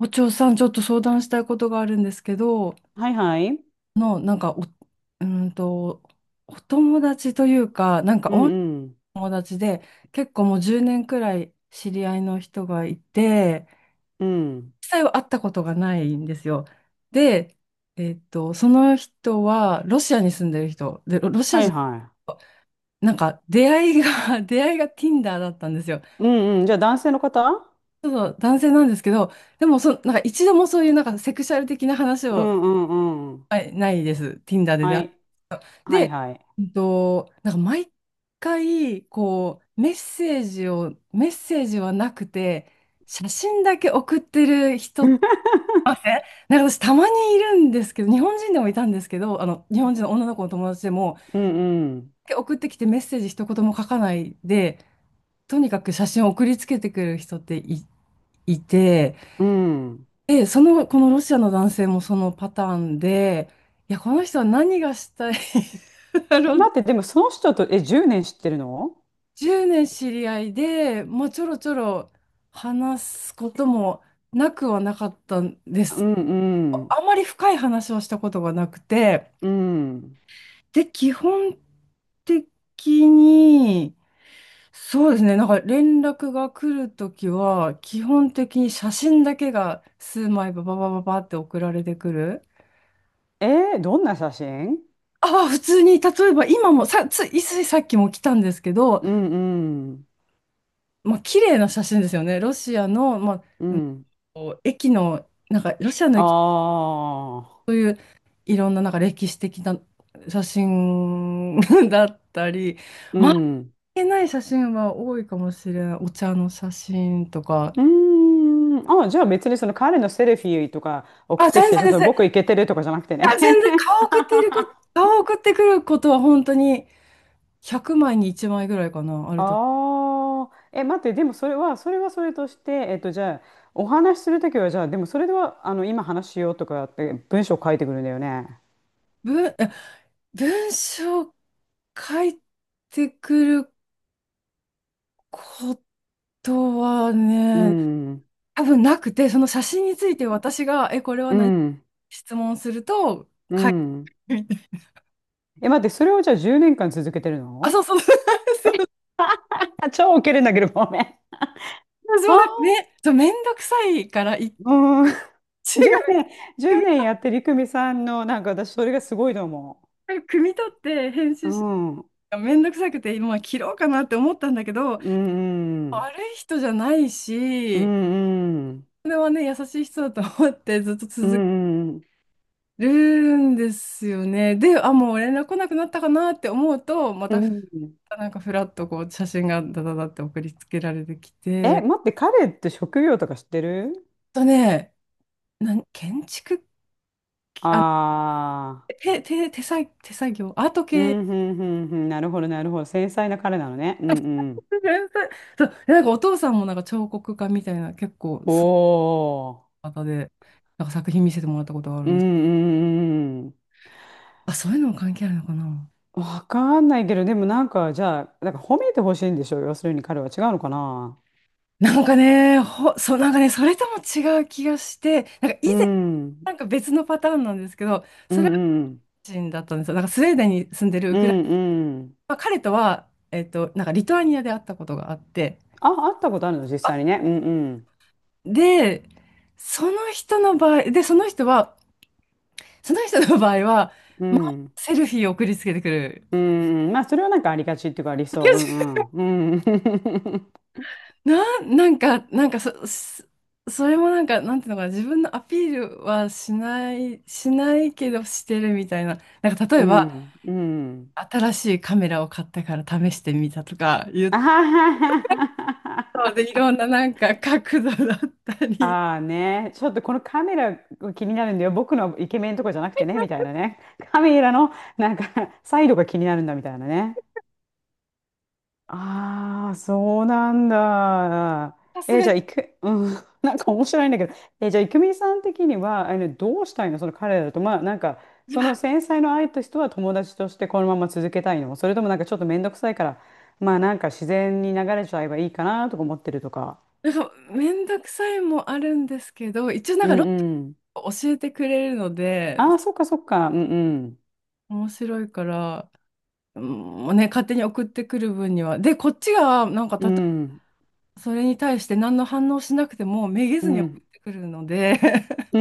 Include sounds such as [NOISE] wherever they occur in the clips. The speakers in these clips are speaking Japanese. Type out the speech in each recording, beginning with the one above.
お嬢さん、ちょっと相談したいことがあるんですけど、はいはい。なんかお、うーんと、お友達というか、なんか、うおんうん。友達で、結構もう10年くらい知り合いの人がいて、うん。実際は会ったことがないんですよ。で、その人は、ロシアに住んでる人、で、ロロシアはい人、はなんか、出会いが、[LAUGHS] 出会いが Tinder だったんですよ。い。うんうん。じゃあ男性の方。ちょっと男性なんですけど、でもそ、なんか一度もそういうなんかセクシャル的な話うを、んうんうん。はい、ないです。Tinder で出は会い。う。はいで、はい。なんか毎回、こう、メッセージはなくて、写真だけ送ってる人、あ [LAUGHS] えなんか私たまにいるんですけど、日本人でもいたんですけど、あの、日本人の女の子の友達でも、うんうん。送ってきてメッセージ一言も書かないで、とにかく写真を送りつけてくる人っていて、うん。で、このロシアの男性もそのパターンで、いや、この人は何がしたい [LAUGHS] だろう。待って、でもその人と、え、10年知ってるの？10年知り合いで、まあ、ちょろちょろ話すこともなくはなかったんでうす。んうん。あまり深い話をしたことがなくて、うん。で、基本的に、そうですね、なんか連絡が来るときは、基本的に写真だけが数枚バババババって送られてくる。えー、どんな写真？ああ、普通に、例えば今も、さ、つい、ついさっきも来たんですけど、うんうん。まあ、綺麗な写真ですよね。ロシアの、まあ、うん。こう駅の、なんか、ロシアの駅、ああ、そういういろんななんか歴史的な写真 [LAUGHS] だったり、うまあ、いん。ー。けない写真は多いかもしれない。お茶の写真とか。うーん。あ、じゃあ別にその彼のセルフィーとか送あ、って全きて、然ちょっ全と然。い僕イケてるとかじゃなくてや、ね。全然顔送っているこ、[LAUGHS] 顔送ってくることは本当に100枚に1枚ぐらいかな、あると。ああ、え、待って、でもそれは、それはそれとして、じゃあ、お話しするときは、じゃあ、でもそれでは、今話しようとかって文章書いてくるんだよね。文、え文章書いてくることはうね、ん、多分なくて、その写真について私が、これはう何ん、質問すると、うん。[LAUGHS] え、待って、それをじゃあ10年間続けてるあ、そうの？そう。あ、[LAUGHS] 超ウケるんだけど、ごめん。私はもなあ、んかめ、そうめんどくさいから一うん。[LAUGHS] 致が10年、1組年やってりくみさんの、なんか私、それがすごいと思み、組み立って編う。う集し、ん。うめんどくさくて今は切ろうかなって思ったんだけど、ん、うん、悪い人じゃないうし、ん、それはね、優しい人だと思ってずっとう続けん、るんですよね。で、あ、もう連絡来なくなったかなって思うと、まうたん、うん。なんかふらっとこう写真がダダダって送りつけられてきえ、て、待って、彼って職業とか知ってる？あとね、建築、あ、ああ手作業、アートー、う系 ん、うん、うん、うん、なるほど、なるほど。繊細な彼なのね。うん、うん。[LAUGHS] 天才。そう、なんかお父さんもなんか彫刻家みたいな結構おすー、ごい方で、なんか作品見せてもらったことがあるうんん、うです。ん、うん。うん、あ、そういうのも関係あるのかな。わかんないけど、でもなんか、じゃあ、なんか褒めてほしいんでしょ、要するに彼は。違うのかな？そう、なんかね、それとも違う気がして、なんか以う前、ん、うん、なんか別のパターンなんですけど、うそれはん、人だったんですよ。なんかスウェーデンに住んでるウうクライん、うんうん。ナ、まあ、彼とは、なんかリトアニアで会ったことがあって、あ、会ったことあるの、実際にね。うん、うん、で、その人の場合、で、その人は、その人の場合は、うまあ、ん。セルフィーを送りつけてくる。うん、うん、まあ、それはなんかありがちっていうか、ありそう。うん、うん、うん、[LAUGHS] なんか、なんかそれもなんか、なんていうのかな、自分のアピールはしない、しないけどしてるみたいな。なんか例うえば、ん、うん。新しいカメラを買ったから試してみたとか言 [LAUGHS] っあははたで、いは。ろんななんか角度だったり、あーね、ちょっとこのカメラが気になるんだよ。僕のイケメンとかじゃなくてね、みたいなね。カメラのなんかサイドが気になるんだ、みたいなね。ああ、そうなんだ。さすえ、がじゃあ、に、いく、うん、[LAUGHS] なんか面白いんだけど、え、じゃあ、いくみさん的には、どうしたいの、その彼らと。まあ、なんか、その繊細の愛と人は友達としてこのまま続けたいの、それともなんかちょっと面倒くさいから、まあ、なんか自然に流れちゃえばいいかなとか思ってるとか。なんかめんどくさいもあるんですけど、一応なんうかロん。ッを教えてくれるので、ああ、そっかそっか。うん面白いから、うん、ね、勝手に送ってくる分には。で、こっちが、なんかうん。それに対して何の反応しなくてもめげうずん。にう送ん。ってくるので、 [LAUGHS] じ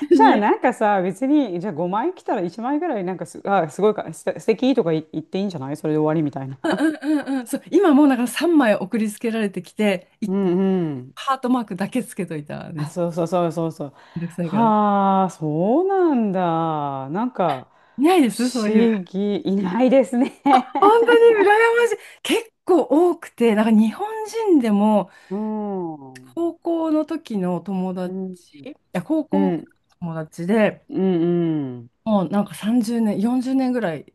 [LAUGHS] いゃあや、なんかさ、別に、じゃあ5枚来たら1枚ぐらいなんかす、あ、すごいか、す素敵とか言、言っていいんじゃない、それで終わりみたいな。う [LAUGHS] んうんうんうん、そう、今もうだから3枚送りつけられてきて、うんうん。ハートマークだけつけといたんであ、す。そうそうそうそうそう。めんどくさいからね。はあ、そうなんだ。なんか、いないで不す、そういう。思議、いないですね。本当に羨 [LAUGHS] ましい。結構多くて、なんか日本人でも、うん。う高校の時の友達、ん。うん。いや、高う校のん友達で、うん。もうなんか30年、40年ぐらい、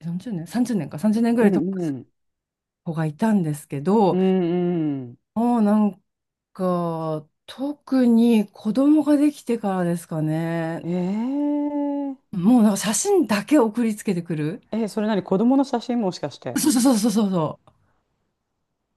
40年？ 30 年か、30年ぐらういん友う達ん。の子がいたんですけうど、んうん。もうなんか、特に子供ができてからですかね。えー、もうなんか写真だけ送りつけてくる。え、それ何、子供の写真もしかして。そうそうそうそうそうそう。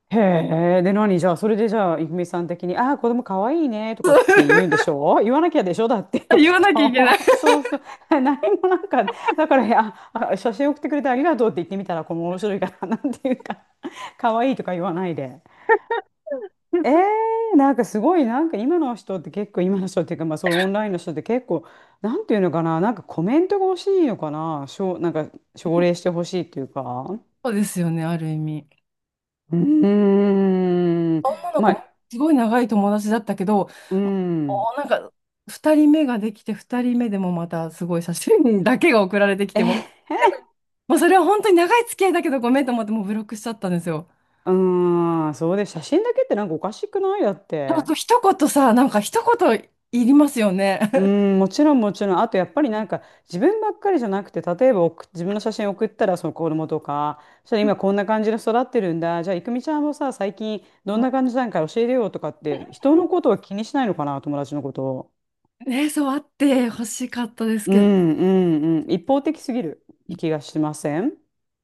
へえ、で何じゃあ、それでじゃあ、いフみさん的に、ああ、子供かわいいねとかって言うんでしょう、言わなきゃでしょだって、あ、 [LAUGHS] 言きっわなきゃいと。けない。そ [LAUGHS] そうそう。[LAUGHS] 何もなんか、だから、あ、あ写真送ってくれてありがとうって言ってみたら、この面白いから、[LAUGHS] なんていうか、[LAUGHS] かわいいとか言わないで。えー、なんかすごい、なんか今の人って結構、今の人っていうか、まあそういうオンラインの人って結構、なんていうのかな、なんかコメントが欲しいのかな、しょう、なんか奨励してほしいっていうか。うですよね、ある意味。うーん。女のま子もあ、すごい長い友達だったけど、うーん。なんか2人目ができて、2人目でもまたすごい写真だけが送られてきても、え、もうそれは本当に長い付き合いだけどごめんと思ってもうブロックしちゃったんですよ。うーん。そうで、写真だけってなんかおかしくない、だっあて。と一言さ、なんか一言いりますようね。[LAUGHS] ーん、もちろんもちろん。あとやっぱりなんか自分ばっかりじゃなくて、例えば送自分の写真送ったらその子供とか、そしたら今こんな感じで育ってるんだ。じゃあ、いくみちゃんもさ、最近どんな感じなんか教えるよとかって、人のことは気にしないのかな、友達のことを。ね、そうあって欲しかったですうけど。んうんうん。一方的すぎる気がしません？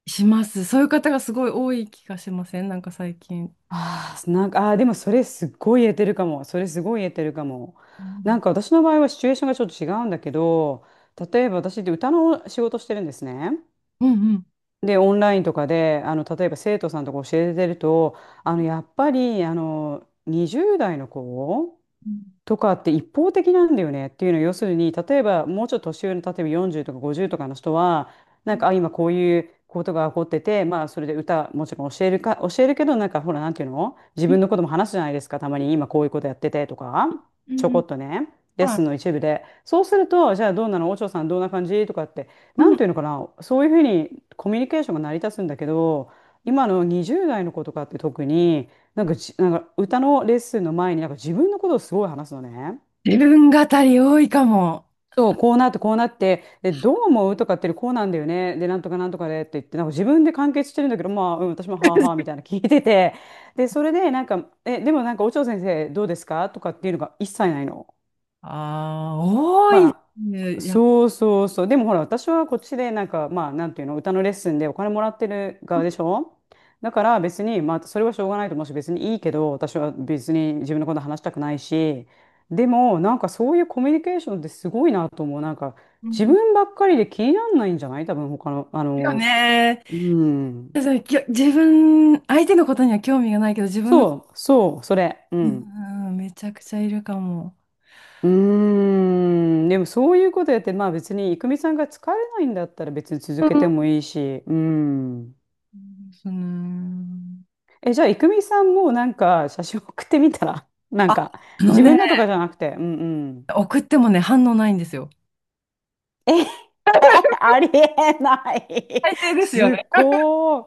します。そういう方がすごい多い気がしません、なんか最近。ああ、なんか、あーでもそれすっごい言えてるかも。それすごい言えてるかも。うなんんか私の場合はシチュエーションがちょっと違うんだけど、例えば私って歌の仕事してるんですね。うんうん。で、オンラインとかで、例えば生徒さんとか教えてると、やっぱり、20代の子うんとかって一方的なんだよねっていうのは、要するに例えばもうちょっと年上の例えば40とか50とかの人はうなんんか、あ、今こういうことが起こってて、まあそれで歌もちろん教えるか、教えるけど、なんかほら、なんていうの、自分のことも話すじゃないですか、たまに。今こういうことやっててとか、うんうちょこん、っとね、レッはい。スンの一部で。そうすると、じゃあどうなのお嬢さん、どんな感じとかって、うなんん。ていうのかな、そういうふうにコミュニケーションが成り立つんだけど、今の20代の子とかって特に。なんかじ、なんか歌のレッスンの前になんか自分のことをすごい話すのね。自分語り多いかも。そう、こうなってこうなって、で、どう思うとかってこうなんだよね。で、なんとかなんとかでって言って、なんか自分で完結してるんだけど、まあ、うん、私もはあはあみたいな聞いてて、で、それでなんか、え、でもなんか、お嬢先生どうですかとかっていうのが一切ないの。ああ、多いまあ、ね。やっぱ、そうそうそう。でもほら、私はこっちで、なんか、まあ、なんていうの、歌のレッスンでお金もらってる側でしょ。だから別に、まあ、それはしょうがないと思うし、別にいいけど、私は別に自分のこと話したくないし、でも、なんかそういうコミュニケーションってすごいなと思う。なんか、うん自うん、分ばっかりで気にならないんじゃない多分、他の、よね。うん。そう、自分、相手のことには興味がないけど、自分の、そう、そう、それ。ううん。んうん、めちゃくちゃいるかも。うーん、でもそういうことやって、まあ別に、いくみさんが疲れないんだったら別に続けてうもいいし、うん。ん、そうね。え、じゃあ、いくみさんもなんか写真送ってみたら、[LAUGHS] なあ、んか、あの自分ね、のとかじゃなくて、うんうん。送ってもね、反応ないんですよ。え、[LAUGHS] えありえない、最低ですよすね。っごい。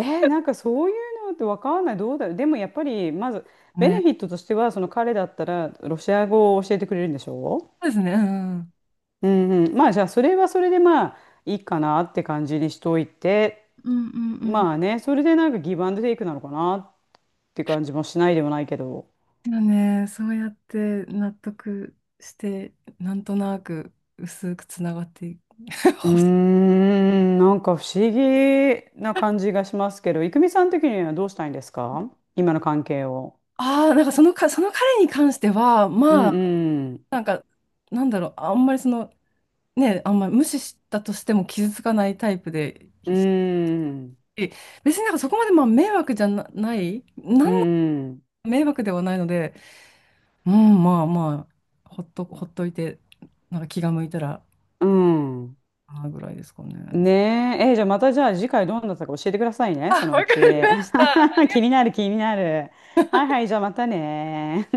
え、なんかそういうのってわかんない。どうだろう。でもやっぱり、まず、ベね。ネフィットとしては、その彼だったら、ロシア語を教えてくれるんでしょ。そうですね。うんうんうんうん、まあじゃあそれはそれでまあいいかなって感じにしといて、うんうん、まあね、それでなんかギブアンドテイクなのかなって感じもしないでもないけど。でもね、そうやって納得して、なんとなく薄くつながっていく。うー [LAUGHS] ん、なんか不思議な感じがしますけど、郁美さん的にはどうしたいんですか、今の関係を。ああ、なんかその彼に関しては、うまあ、んうんなんか、なんだろう、あんまりその、ね、あんまり無視したとしても傷つかないタイプで、うし、ん別になんかそこまでまあ迷惑じゃな、ない、うん迷惑ではないので、うん、まあまあ、ほっといて、なんか気が向いたら、うん。ああぐらいですかね。ねえ、え、じゃあまた、じゃあ次回どうなったか教えてくださいね、あ、わそのかうち。 り [LAUGHS] ました。気になる気になる。はいはい、じゃあまたね。